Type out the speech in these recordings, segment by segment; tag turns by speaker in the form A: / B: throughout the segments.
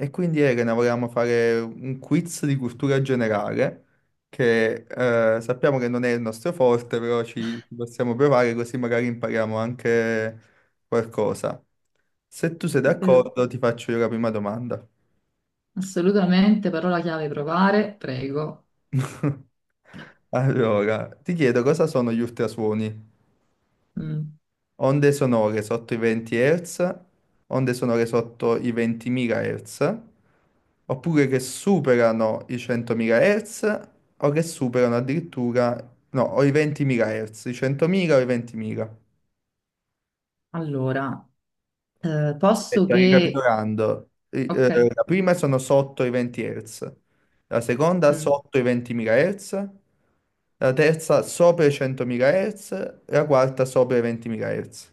A: E quindi Elena volevamo fare un quiz di cultura generale, che sappiamo che non è il nostro forte, però ci possiamo provare così magari impariamo anche qualcosa. Se tu sei
B: Eh,
A: d'accordo, ti faccio io la prima domanda.
B: Assolutamente, parola chiave provare, prego.
A: Allora, ti chiedo cosa sono gli ultrasuoni?
B: Mm.
A: Onde sonore sotto i 20 Hz, onde sonore sotto i 20.000 Hz, oppure che superano i 100.000 Hz o che superano addirittura, no, o i 20.000 Hz, i 100.000 o i 20.000.
B: Allora, posso
A: Aspetta,
B: che...
A: ricapitolando,
B: Ok.
A: la prima sono sotto i 20 Hz, la seconda
B: mm,
A: sotto i 20.000 Hz, la terza sopra i 100.000 Hz, la quarta sopra i 20.000 Hz.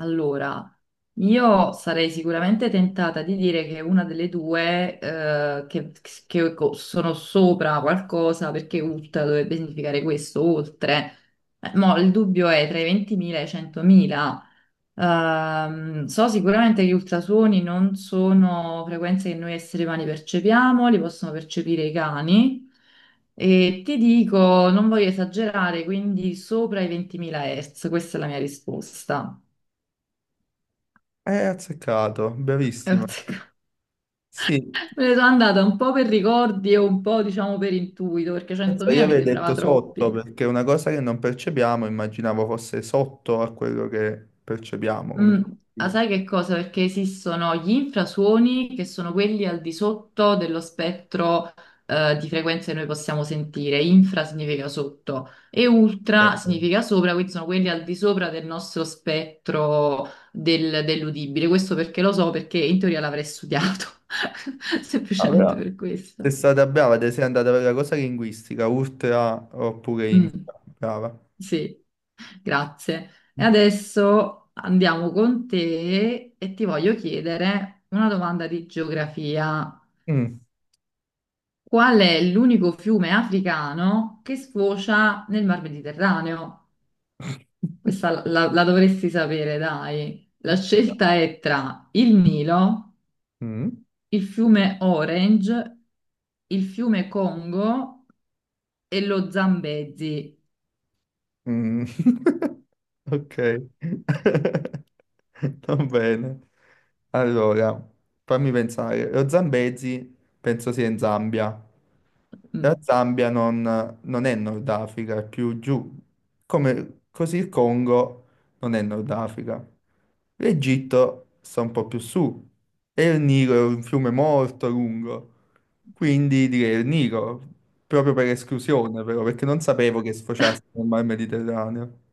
B: Allora, io sarei sicuramente tentata di dire che una delle due, sono sopra qualcosa, perché ULT dovrebbe significare questo, oltre. Mo, il dubbio è tra i 20.000 e i 100.000. So sicuramente che gli ultrasuoni non sono frequenze che noi esseri umani percepiamo, li possono percepire i cani e ti dico, non voglio esagerare, quindi sopra i 20.000 Hz, questa è la mia risposta.
A: Azzeccato,
B: E ho
A: bravissimo.
B: azzeccato.
A: Sì,
B: Me ne sono andata un po' per ricordi e un po', diciamo, per intuito, perché
A: pensa, io
B: 100.000 mi
A: avrei detto
B: sembrava
A: sotto
B: troppi.
A: perché è una cosa che non percepiamo, immaginavo fosse sotto a quello che percepiamo. Come
B: Mm.
A: dico.
B: Ah, sai che cosa? Perché esistono gli infrasuoni che sono quelli al di sotto dello spettro di frequenze che noi possiamo sentire. Infra significa sotto e ultra
A: Eh,
B: significa sopra, quindi sono quelli al di sopra del nostro spettro dell'udibile. Questo perché lo so, perché in teoria l'avrei studiato,
A: ah,
B: semplicemente
A: però
B: per questo.
A: sei stata brava, te sei andata per la cosa linguistica, ultra oppure
B: Mm.
A: infra. Brava.
B: Sì, grazie. E adesso andiamo con te e ti voglio chiedere una domanda di geografia.
A: Mm,
B: Qual è l'unico fiume africano che sfocia nel Mar Mediterraneo? Questa la dovresti sapere, dai. La scelta è tra il Nilo,
A: mm,
B: il fiume Orange, il fiume Congo e lo Zambezi.
A: mm. Ok. Va bene. Allora, fammi pensare. Lo Zambezi penso sia in Zambia. La
B: Mm.
A: Zambia non è Nord Africa, è più giù. Come, così il Congo non è Nord Africa. L'Egitto sta un po' più su. E il Nilo è un fiume molto lungo. Quindi direi il Nilo, proprio per esclusione, però, perché non sapevo che sfociasse nel Mar Mediterraneo.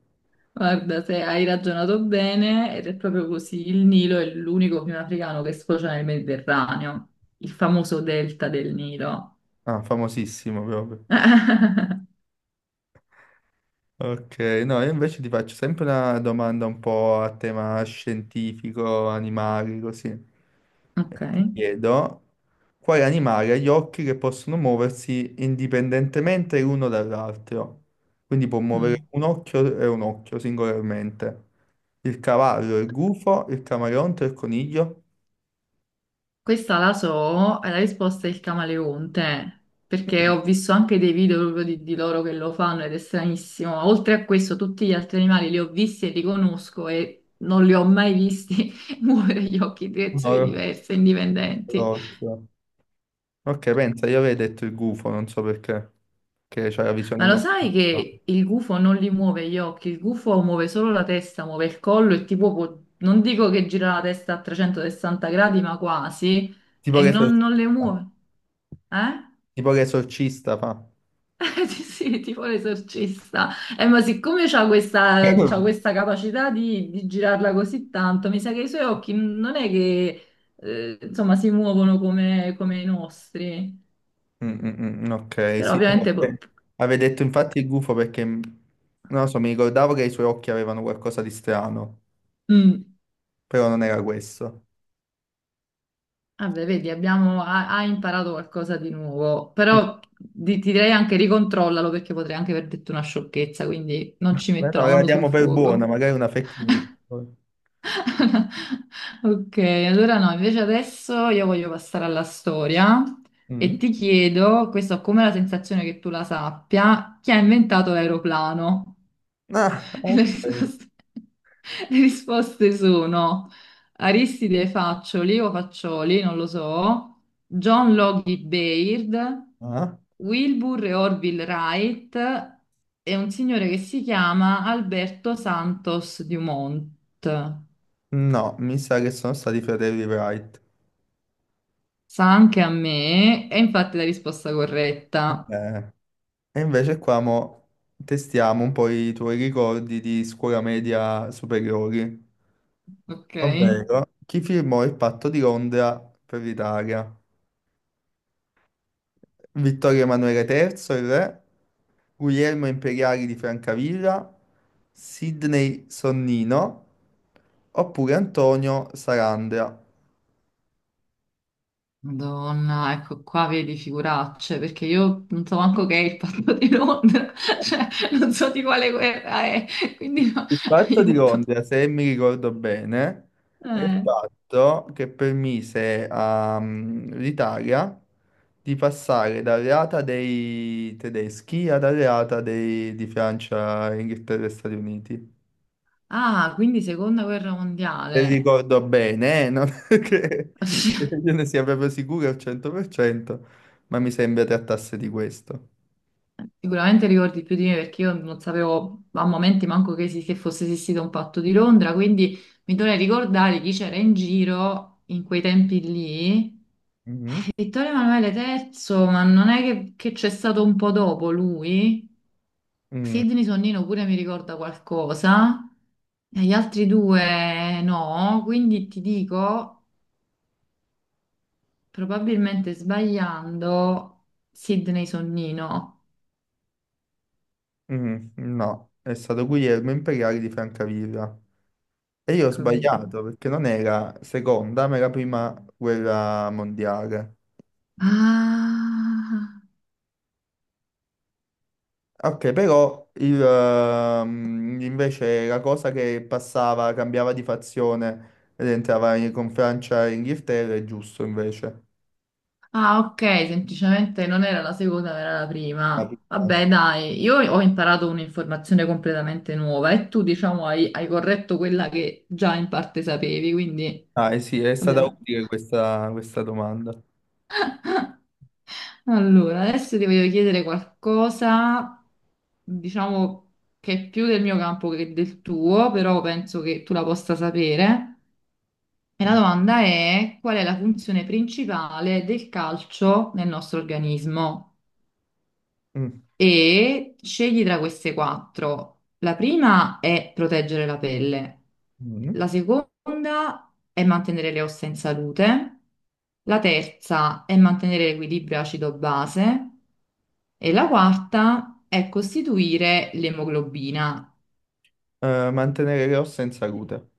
B: Guarda, se hai ragionato bene, ed è proprio così, il Nilo è l'unico fiume africano che sfocia nel Mediterraneo, il famoso delta del Nilo.
A: Ah, famosissimo proprio. Ok, no, io invece ti faccio sempre una domanda un po' a tema scientifico, animali, così.
B: Ok.
A: Ti chiedo quale animale ha gli occhi che possono muoversi indipendentemente l'uno dall'altro. Quindi può muovere
B: Mm.
A: un occhio e un occhio singolarmente. Il cavallo, il gufo, il camaleonte, il coniglio.
B: Questa la so, e la risposta è il camaleonte, perché
A: Mm,
B: ho visto anche dei video proprio di loro che lo fanno ed è stranissimo. Oltre a questo, tutti gli altri animali li ho visti e li conosco e non li ho mai visti muovere gli occhi in
A: un
B: direzioni
A: oro-
B: diverse,
A: un solo
B: indipendenti.
A: occhio. Ok, pensa, io avevo detto il gufo, non so perché, che c'ha la visione
B: Ma lo sai
A: notturna.
B: che il gufo non li muove gli occhi, il gufo muove solo la testa, muove il collo e tipo non dico che gira la testa a 360 gradi, ma quasi,
A: Tipo
B: e
A: che
B: non le
A: esorcista,
B: muove, eh?
A: tipo che esorcista fa.
B: Sì, sì, tipo l'esorcista. Ma siccome c'ha
A: Mm,
B: questa capacità di girarla così tanto, mi sa che i suoi occhi non è che, insomma, si muovono come i nostri.
A: mm, mm, mm, ok,
B: Però
A: sì.
B: ovviamente...
A: Vabbè. Avevo detto infatti il gufo perché, non lo so, mi ricordavo che i suoi occhi avevano qualcosa di strano,
B: Mm.
A: però non era questo.
B: Vabbè, vedi, ha imparato qualcosa di nuovo,
A: Mm.
B: però ti direi anche ricontrollalo perché potrei anche aver detto una sciocchezza, quindi non ci
A: Beh,
B: metto
A: no,
B: la
A: la
B: mano sul
A: diamo per buona,
B: fuoco.
A: magari è una fake news.
B: Ok, allora no, invece adesso io voglio passare alla storia
A: Mm.
B: e ti chiedo, questa ho come la sensazione che tu la sappia, chi ha inventato l'aeroplano?
A: Ah,
B: E Le
A: ok.
B: risposte, le risposte sono Aristide Faccioli o Faccioli, non lo so, John Logie Baird,
A: Ah.
B: Wilbur e Orville Wright e un signore che si chiama Alberto Santos Dumont.
A: No, mi sa che sono stati i fratelli Wright.
B: Sa anche a me, è infatti la risposta corretta.
A: Eh. E invece qua mo testiamo un po' i tuoi ricordi di scuola media superiori,
B: Ok.
A: ovvero chi firmò il patto di Londra per l'Italia? Vittorio Emanuele III, il re, Guglielmo Imperiali di Francavilla, Sidney Sonnino oppure Antonio Sarandea?
B: Madonna, ecco qua vedi figuracce, perché io non so manco che è il patto di Londra, cioè non so di quale guerra è, quindi no,
A: Il patto di
B: aiuto.
A: Londra, se mi ricordo bene, è il
B: Eh.
A: patto che permise all'Italia di passare dall'alleata dei tedeschi ad alleata di Francia, Inghilterra e Stati Uniti.
B: Ah, quindi seconda guerra
A: Se
B: mondiale.
A: ricordo bene, non che io ne sia proprio sicuro al 100%, ma mi sembra trattasse di questo.
B: Sicuramente ricordi più di me perché io non sapevo a momenti manco che fosse esistito un patto di Londra, quindi mi dovrei ricordare chi c'era in giro in quei tempi lì.
A: Mhm.
B: Vittorio Emanuele III, ma non è che c'è stato un po' dopo lui?
A: Mm,
B: Sidney Sonnino pure mi ricorda qualcosa, e gli altri due no, quindi ti dico, probabilmente sbagliando, Sidney Sonnino.
A: mm, no, è stato Guglielmo Imperiale di Francavilla. E io ho
B: Ecco, vedi.
A: sbagliato perché non era seconda, ma era prima guerra mondiale.
B: Ah,
A: Ok, però invece la cosa che passava, cambiava di fazione ed entrava con Francia e Inghilterra è giusto invece.
B: ah, ok, semplicemente non era la seconda, era la
A: Ah,
B: prima. Vabbè, dai, io ho imparato un'informazione completamente nuova e tu, diciamo, hai corretto quella che già in parte sapevi, quindi
A: ah, eh sì, è stata
B: abbiamo...
A: utile questa, domanda.
B: Allora, adesso ti voglio chiedere qualcosa, diciamo che è più del mio campo che del tuo, però penso che tu la possa sapere. E la
A: Mm,
B: domanda è: qual è la funzione principale del calcio nel nostro organismo?
A: mm,
B: E scegli tra queste quattro. La prima è proteggere la pelle,
A: mm.
B: la seconda è mantenere le ossa in salute, la terza è mantenere l'equilibrio acido-base e la quarta è costituire l'emoglobina.
A: Mantenere le ossa in salute.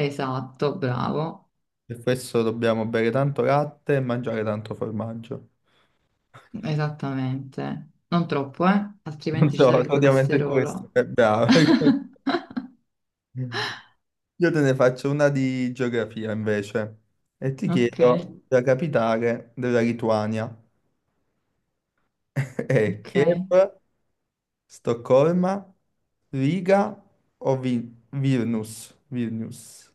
B: Esatto, bravo,
A: Per questo dobbiamo bere tanto latte e mangiare tanto formaggio.
B: esattamente. Non troppo, eh?
A: Non
B: Altrimenti ci
A: so,
B: sarà il
A: praticamente questo
B: colesterolo.
A: è bravo. Io te ne faccio una di geografia invece e ti
B: Ok,
A: chiedo la capitale della Lituania. È
B: ok.
A: Kiev, Stoccolma, Riga o Vilnius? Vilnius.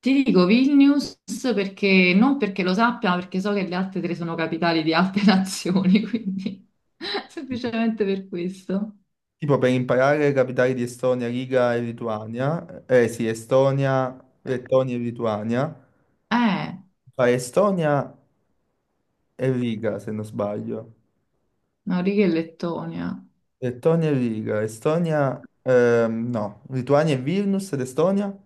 B: Ti dico Vilnius perché non perché lo sappia, ma perché so che le altre tre sono capitali di altre nazioni, quindi semplicemente per questo.
A: Tipo per imparare le capitali di Estonia, Riga e Lituania, eh sì, Estonia, Lettonia e Lituania,
B: Eh,
A: fai Estonia e Riga se non sbaglio.
B: Noriega e Lettonia.
A: Lettonia e Riga, Estonia, no, Lituania e Vilnius ed Estonia.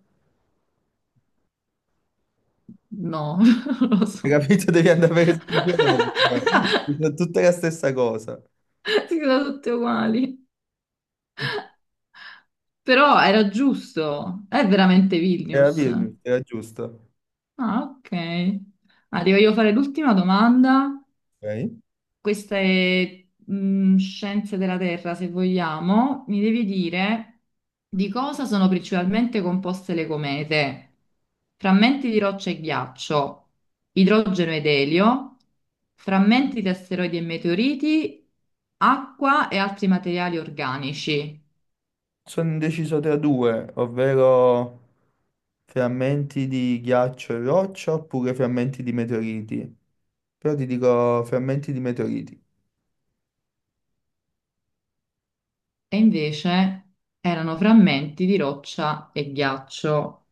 B: No, non lo
A: Hai
B: so.
A: capito? Devi andare per il giorno. Sono tutte la stessa cosa.
B: Si sono tutte uguali. Però era giusto. È veramente
A: Era
B: Vilnius.
A: Vilnius, era giusto.
B: Ah, ok. Arrivo io a fare l'ultima domanda.
A: Ok.
B: Queste scienze della Terra, se vogliamo, mi devi dire di cosa sono principalmente composte le comete. Frammenti di roccia e ghiaccio, idrogeno ed elio, frammenti di asteroidi e meteoriti, acqua e altri materiali organici.
A: Sono indeciso tra due, ovvero frammenti di ghiaccio e roccia oppure frammenti di meteoriti. Però ti dico frammenti di meteoriti.
B: E invece erano frammenti di roccia e ghiaccio.